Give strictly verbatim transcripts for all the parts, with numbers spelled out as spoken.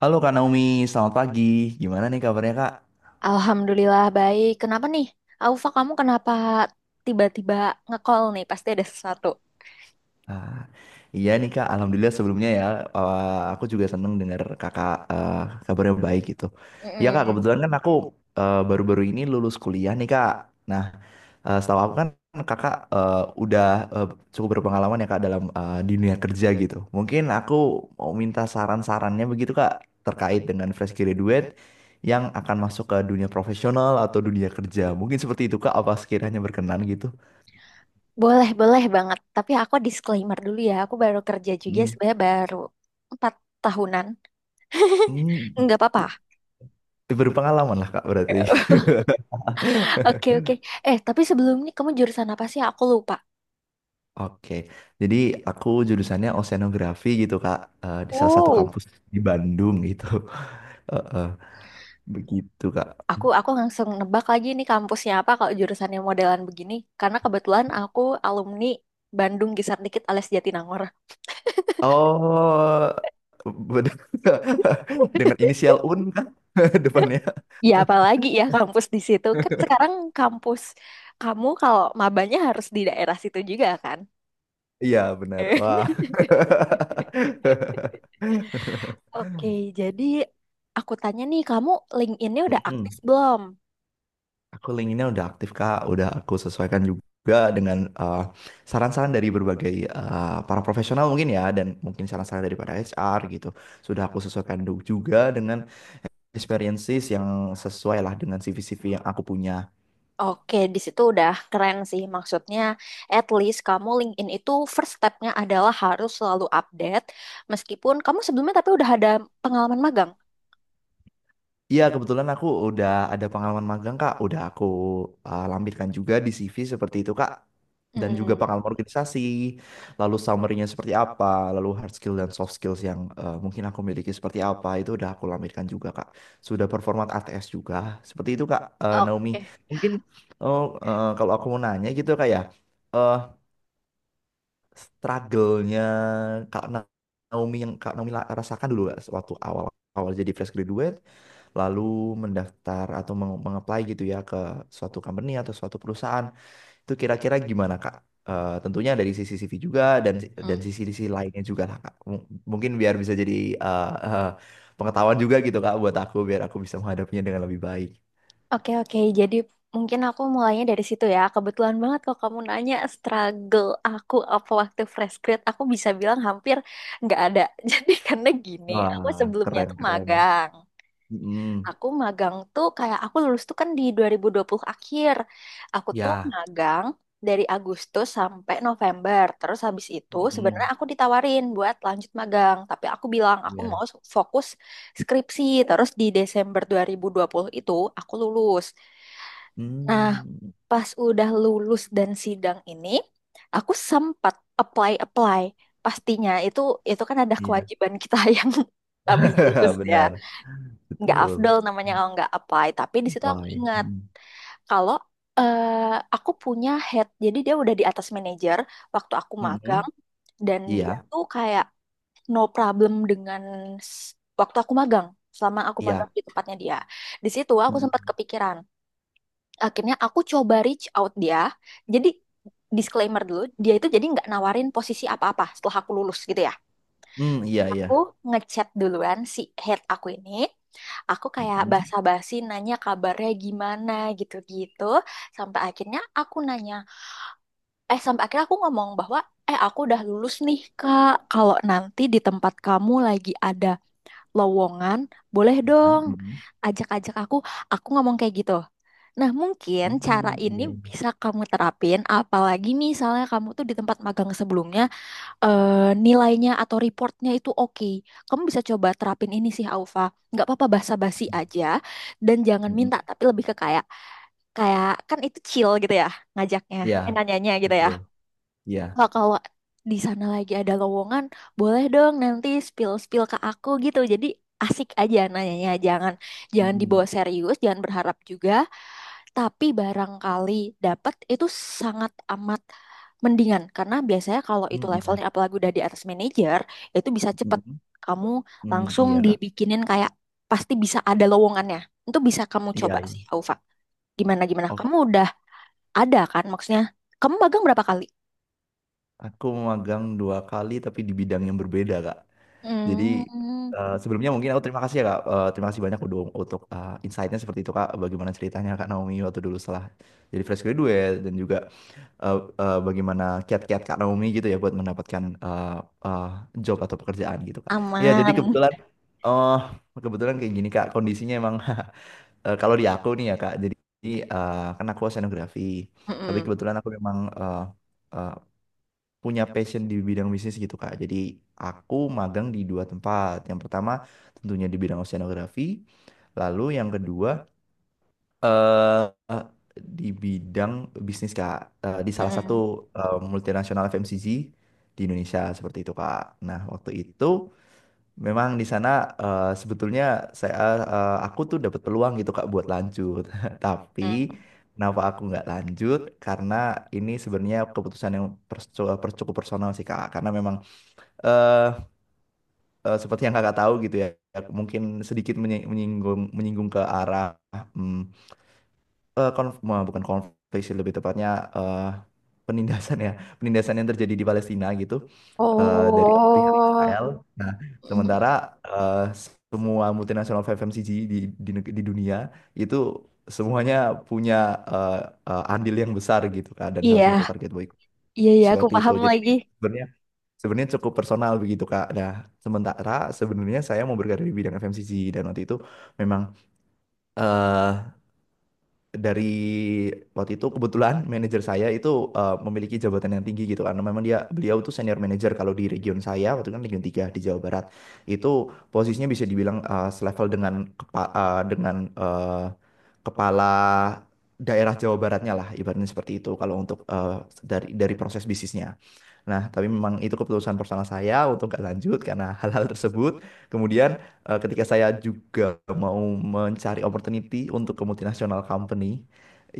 Halo Kak Naomi, selamat pagi. Gimana nih kabarnya Kak? Alhamdulillah baik. Kenapa nih? Aufa, kamu kenapa tiba-tiba nge-call nih? Pasti ada sesuatu. Ah, iya nih Kak, Alhamdulillah sebelumnya ya. Eh, aku juga seneng dengar Kakak eh, kabarnya baik gitu. Iya Kak, Mm-mm. kebetulan kan aku eh, baru-baru ini lulus kuliah nih Kak. Nah, eh, Setahu aku kan Kakak eh, udah eh, cukup berpengalaman ya Kak dalam eh, di dunia kerja gitu. Mungkin aku mau minta saran-sarannya begitu Kak terkait dengan fresh graduate yang akan masuk ke dunia profesional atau dunia kerja. Mungkin seperti itu Kak, apa sekiranya berkenan gitu? Boleh, boleh banget. Tapi aku disclaimer dulu ya. Aku baru kerja juga sebenarnya baru empat tahunan. Hmm, Nggak apa-apa. berpengalaman lah Kak berarti. Oke, oke. Eh, tapi sebelumnya kamu jurusan apa sih? Aku lupa. Oke, jadi aku jurusannya oceanografi gitu Kak, eh, di salah satu Oh, kampus di Bandung gitu. Eh, eh, begitu Kak. aku aku langsung nebak lagi nih kampusnya apa kalau jurusannya modelan begini. Karena kebetulan aku alumni Bandung Gisar Dikit alias Jatinangor. Oh, bener. Dengan inisial U N kan depannya. Ya apalagi ya kampus di situ. Kan sekarang kampus kamu kalau mabanya harus di daerah situ juga kan? Iya benar. Wah. Oke, jadi aku tanya nih, kamu LinkedIn-nya udah aktif Mm-mm. belum? Aku linkedin udah aktif Kak, udah aku sesuaikan juga dengan eh, saran-saran dari berbagai eh, para profesional mungkin ya dan mungkin saran-saran daripada H R gitu. Sudah aku sesuaikan du- juga dengan experiences yang sesuai lah dengan C V-C V yang aku punya. Oke, di situ udah keren sih. Maksudnya, at least kamu LinkedIn itu first step-nya adalah harus selalu update. Meskipun kamu sebelumnya tapi udah ada pengalaman magang. Iya, kebetulan aku udah ada pengalaman magang, Kak. Udah aku uh, lampirkan juga di C V seperti itu, Kak. Dan juga Hmm, pengalaman organisasi, lalu summary-nya seperti apa, lalu hard skill dan soft skills yang uh, mungkin aku miliki seperti apa, itu udah aku lampirkan juga, Kak. Sudah performat A T S juga, seperti itu, Kak, uh, Naomi. oke. Mungkin oh, uh, kalau aku mau nanya gitu, Kak, ya, uh, struggle-nya Kak Naomi yang Kak Naomi la- rasakan dulu nggak waktu awal-awal jadi fresh graduate, lalu mendaftar atau meng- mengapply gitu ya ke suatu company atau suatu perusahaan, itu kira-kira gimana Kak? Eh, tentunya dari sisi C V juga dan si, dan Hmm. sisi-sisi lainnya juga lah Kak. M- mungkin biar bisa jadi eh, eh, pengetahuan juga gitu Kak buat aku biar aku bisa menghadapinya dengan lebih baik. Oke, oke. Jadi mungkin aku mulainya dari situ ya. Kebetulan banget kalau kamu nanya struggle aku apa waktu fresh grad, aku bisa bilang hampir nggak ada. Jadi karena gini, aku Wah, sebelumnya keren tuh keren. magang. mm Aku magang tuh kayak aku lulus tuh kan di dua dua ribu dua puluh akhir. Aku tuh Ya. magang dari Agustus sampai November. Terus habis itu sebenarnya Mm-mm. aku ditawarin buat lanjut magang, tapi aku bilang aku Ya. mau fokus skripsi. Terus di Desember dua dua ribu dua puluh itu aku lulus. Nah, Hmm. pas udah lulus dan sidang ini, aku sempat apply-apply. Pastinya itu itu kan ada Iya. kewajiban kita yang habis lulus ya. Benar, Nggak betul. afdol namanya kalau nggak apply. Tapi di situ aku Lain. ingat Mm-mm. kalau eh, aku punya head, jadi dia udah di atas manajer waktu aku Mm-mm. magang, dan Iya, dia tuh kayak no problem dengan s- waktu aku magang. Selama aku magang iya. di tempatnya dia. Di situ aku sempat Mm-mm. kepikiran, akhirnya aku coba reach out dia. Jadi, disclaimer dulu, dia itu jadi nggak nawarin posisi apa-apa setelah aku lulus gitu ya. Mm, iya, Aku iya. ngechat duluan si head aku ini, aku kayak Mm-mm. basa-basi nanya kabarnya gimana gitu-gitu, sampai akhirnya aku nanya eh sampai akhirnya aku ngomong bahwa eh aku udah lulus nih, Kak. Kalau nanti di tempat kamu lagi ada lowongan, boleh Kan? dong Mm-mm. ajak-ajak aku. Aku ngomong kayak gitu. Nah, mungkin Mm-mm. cara ini Iya, iya. bisa kamu terapin, apalagi misalnya kamu tuh di tempat magang sebelumnya, eh, nilainya atau reportnya itu oke. Kamu bisa coba terapin ini sih, Aufa. Nggak apa-apa basa-basi aja, dan jangan Mm-mm. minta, tapi lebih ke kayak, kayak kan itu chill gitu ya, ngajaknya, Iya, eh, nanyanya gitu ya. betul. Iya. Kak, kalau di sana lagi ada lowongan, boleh dong nanti spill-spill ke aku gitu. Jadi asik aja nanyanya. Jangan jangan Mm, dibawa serius, jangan berharap juga. Tapi barangkali dapat itu sangat amat mendingan. Karena biasanya kalau itu mm, Iya. levelnya apalagi udah di atas manajer, itu bisa cepet. Mm-mm. Kamu Mm, langsung Iya, Kak. dibikinin kayak pasti bisa ada lowongannya. Itu bisa kamu Iya, coba iya. sih, Aufa. Gimana-gimana? Oke. Kamu udah ada kan maksudnya? Kamu magang berapa kali? Aku magang dua kali tapi di bidang yang berbeda, Kak. Jadi Hmm. eh, sebelumnya mungkin aku terima kasih ya Kak. Eh, terima kasih banyak udah untuk eh, insight-nya seperti itu Kak. Bagaimana ceritanya Kak Naomi waktu dulu setelah jadi fresh graduate dan juga eh, eh, bagaimana kiat-kiat Kak Naomi gitu ya buat mendapatkan eh, eh, job atau pekerjaan gitu Kak. Iya jadi Aman. kebetulan eh kebetulan kayak gini Kak kondisinya emang eh, kalau di aku nih ya Kak. Jadi eh, kan aku oceanografi. Tapi Mm-mm. kebetulan aku memang eh, eh, punya passion di bidang bisnis gitu Kak. Jadi aku magang di dua tempat. Yang pertama tentunya di bidang oceanografi, lalu yang kedua eh eh, di bidang bisnis Kak, Eh, di salah satu Mm-mm. eh, multinasional F M C G di Indonesia seperti itu Kak. Nah, waktu itu memang di sana eh, sebetulnya saya eh, aku tuh dapat peluang gitu Kak buat lanjut. Tapi Mm. kenapa aku nggak lanjut? Karena ini sebenarnya keputusan yang pers- cukup personal sih Kak. Karena memang eh eh, seperti yang kakak tahu gitu ya, mungkin sedikit menyi- menyinggung menyinggung ke arah hmm, eh, konf- eh, bukan konflik sih lebih tepatnya eh, penindasan ya, penindasan yang terjadi di Palestina gitu eh, dari pihak Oh. Israel. Nah, Mm. sementara eh, semua multinasional F M C G di, di neg- di dunia itu semuanya punya eh, eh, andil yang besar gitu kan, dan salah satu Iya, target boykot iya, iya, aku seperti itu. paham Jadi ini lagi. sebenarnya Sebenarnya cukup personal begitu Kak. Nah, sementara sebenarnya saya mau berkarya di bidang F M C G dan waktu itu memang eh dari waktu itu kebetulan manajer saya itu eh, memiliki jabatan yang tinggi gitu karena memang dia beliau tuh senior manager kalau di region saya waktu itu kan region tiga di Jawa Barat itu posisinya bisa dibilang eh, selevel dengan kepa- eh, dengan eh, kepala daerah Jawa Baratnya lah ibaratnya seperti itu kalau untuk eh, dari dari proses bisnisnya. Nah, tapi memang itu keputusan personal saya untuk nggak lanjut karena hal-hal tersebut. Kemudian eh, ketika saya juga mau mencari opportunity untuk ke multinational company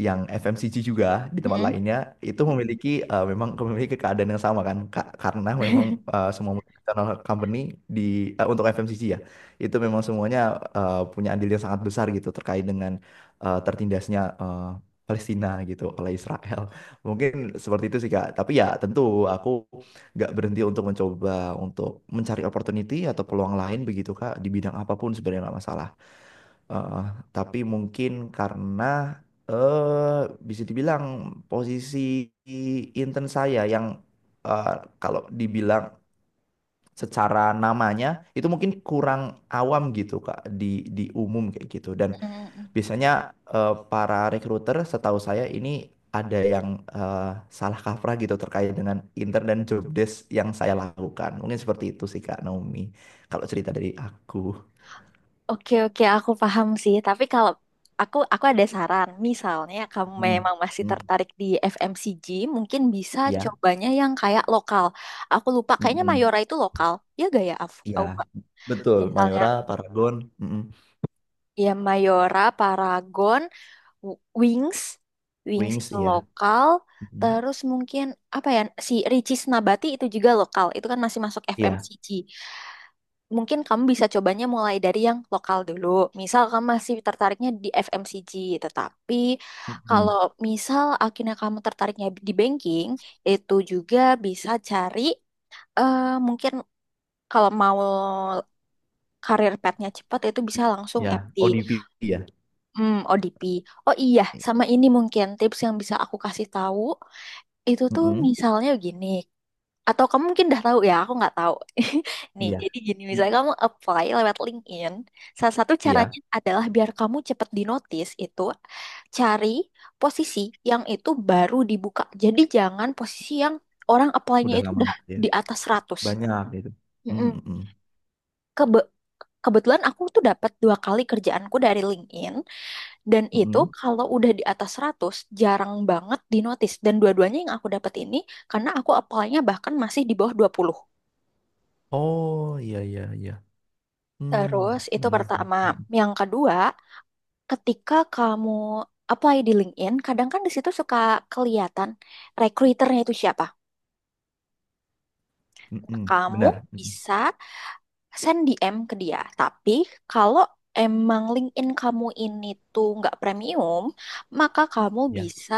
yang F M C G juga di tempat Mm. lainnya itu memiliki eh, memang memiliki keadaan yang sama kan Ka- karena memang eh, semua multinational company di eh, untuk F M C G ya itu memang semuanya eh, punya andil yang sangat besar gitu terkait dengan eh, tertindasnya eh, Palestina gitu oleh Israel. Mungkin seperti itu sih Kak. Tapi ya tentu aku nggak berhenti untuk mencoba untuk mencari opportunity atau peluang lain begitu Kak di bidang apapun sebenarnya nggak masalah. Eh, tapi mungkin karena eh bisa dibilang posisi intern saya yang eh, kalau dibilang secara namanya itu mungkin kurang awam gitu Kak di di umum kayak gitu dan Mm. biasanya eh, para recruiter setahu saya ini ada yang eh, salah kaprah gitu terkait dengan intern dan job desk yang saya lakukan. Mungkin seperti itu sih Kak Naomi. Kalau cerita dari aku. Oke, oke, aku paham sih. Tapi kalau aku, aku ada saran. Misalnya kamu Hmm. memang masih Hmm. tertarik di F M C G, mungkin bisa Ya. cobanya yang kayak lokal. Aku lupa, kayaknya Mm-mm. Mayora itu lokal. Ya gak ya, Af? Ya. Aku- Betul, Misalnya, Mayora, Paragon, mm-mm. ya Mayora, Paragon, W- Wings, Wings Wings, itu ya. lokal. Mm-mm. Terus mungkin apa ya si Ricis Nabati itu juga lokal. Itu kan masih masuk Iya. F M C G. Mungkin kamu bisa cobanya mulai dari yang lokal dulu. Misal kamu masih tertariknya di F M C G, tetapi kalau Mm-mm. misal akhirnya kamu tertariknya di banking, itu juga bisa cari eh, mungkin kalau mau karir path-nya cepat itu bisa langsung Ya, M T. O D P ya. Hmm, O D P. Oh iya, sama ini mungkin tips yang bisa aku kasih tahu itu tuh Mm-mm. misalnya gini. Atau kamu mungkin udah tahu ya, aku nggak tahu. Nih, Iya. jadi gini, Mm. misalnya kamu apply lewat LinkedIn, salah satu Iya, caranya iya. adalah biar kamu cepet di notice itu cari posisi yang itu baru dibuka. Jadi jangan posisi yang orang apply-nya Udah itu lama udah gitu ya. di atas seratus. Banyak gitu. Mm-mm. Mm-mm. Kebe- kebetulan aku tuh dapat dua kali kerjaanku dari LinkedIn. Dan itu Mm-mm. kalau udah di atas seratus jarang banget di notice. Dan dua-duanya yang aku dapat ini karena aku apply-nya bahkan masih di bawah dua puluh. Oh, iya iya iya. Hmm, Terus itu benar. pertama. Yang kedua, ketika kamu apply di LinkedIn, kadang kan di situ suka kelihatan recruiternya itu siapa. Nah, Mm-mm, kamu benar. Mm-mm. bisa send D M ke dia. Tapi kalau emang LinkedIn kamu ini tuh nggak premium, maka kamu Ya. bisa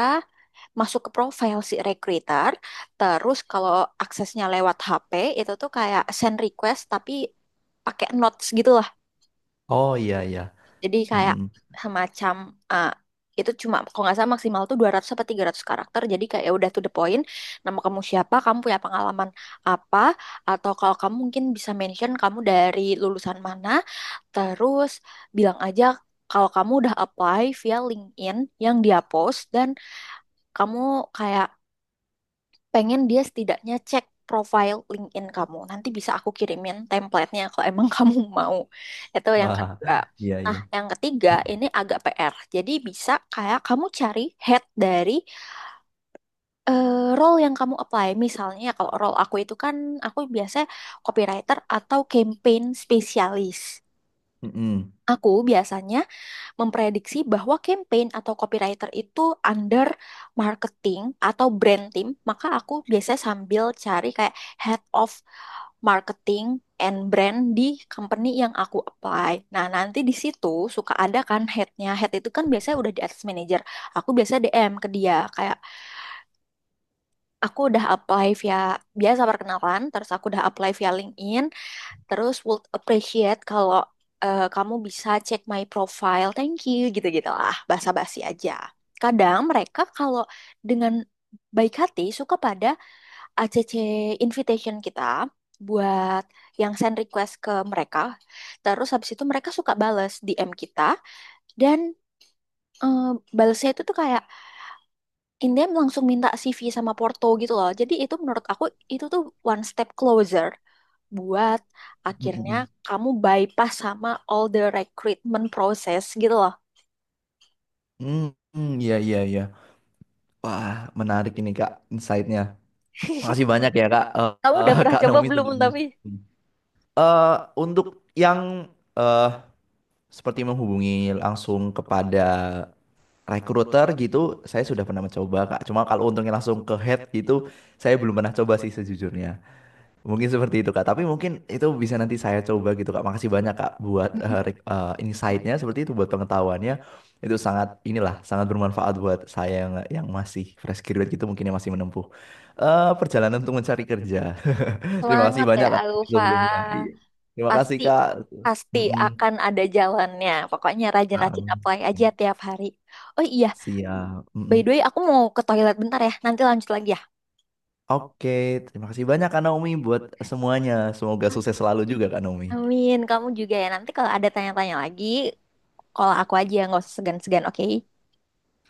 masuk ke profile si recruiter. Terus kalau aksesnya lewat H P itu tuh kayak send request tapi pakai notes gitu lah. Oh iya iya. Jadi kayak Mm-mm. semacam eh, itu cuma kalau nggak salah maksimal tuh dua ratus sampai tiga ratus karakter. Jadi kayak ya udah to the point. Nama kamu siapa, kamu punya pengalaman apa, atau kalau kamu mungkin bisa mention kamu dari lulusan mana. Terus bilang aja kalau kamu udah apply via LinkedIn yang dia post, dan kamu kayak pengen dia setidaknya cek profile LinkedIn kamu. Nanti bisa aku kirimin template-nya kalau emang kamu mau. Itu yang Wah, kedua. iya Nah, iya. yang ketiga ini agak P R. Jadi bisa kayak kamu cari head dari eh, role yang kamu apply. Misalnya kalau role aku itu kan aku biasanya copywriter atau campaign spesialis. Mm-mm. Aku biasanya memprediksi bahwa campaign atau copywriter itu under marketing atau brand team, maka aku biasanya sambil cari kayak head of marketing and brand di company yang aku apply. Nah, nanti di situ suka ada kan headnya. Head itu kan biasanya udah di atas manager. Aku biasa D M ke dia kayak aku udah apply via, biasa perkenalan, terus aku udah apply via LinkedIn. Terus would appreciate kalau eh, kamu bisa cek my profile, thank you gitu-gitu lah, basa-basi aja. Kadang mereka kalau dengan baik hati suka pada A C C invitation kita buat yang send request ke mereka. Terus habis itu mereka suka bales D M kita dan eh, balesnya itu tuh kayak in them langsung minta C V sama Porto gitu loh. Jadi itu menurut aku itu tuh one step closer buat akhirnya Mm-mm. kamu bypass sama all the recruitment process gitu loh. Mm-mm, iya iya iya. Wah, menarik ini Kak insight-nya. Makasih banyak ya Kak eh, Kamu eh, udah pernah Kak coba Naomi belum sebelumnya. tapi? Eh, untuk yang eh seperti menghubungi langsung kepada recruiter gitu, saya sudah pernah mencoba Kak. Cuma kalau untungnya langsung ke head gitu, saya belum pernah coba sih sejujurnya. Mungkin seperti itu Kak, tapi mungkin itu bisa nanti saya coba gitu Kak. Makasih banyak Kak buat Mm-mm. eh, rek- eh, insight-nya seperti itu buat pengetahuannya. Itu sangat inilah sangat bermanfaat buat saya yang yang masih fresh graduate gitu mungkin yang masih menempuh eh, perjalanan untuk mencari kerja. Terima kasih Semangat banyak ya Kak Alfa. sebelumnya. Iya. Terima kasih Pasti Kak. pasti Mm-mm. akan ada jalannya. Pokoknya rajin-rajin apply aja Amin. tiap hari. Oh iya, Siap. by the Mm-mm. way aku mau ke toilet bentar ya. Nanti lanjut lagi ya. Oke, terima kasih banyak Kak Naomi buat semuanya. Semoga sukses selalu juga Kak Naomi. Amin, kamu juga ya. Nanti kalau ada tanya-tanya lagi, kalau aku aja nggak usah segan-segan, oke?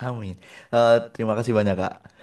Amin. Eh, terima kasih banyak Kak.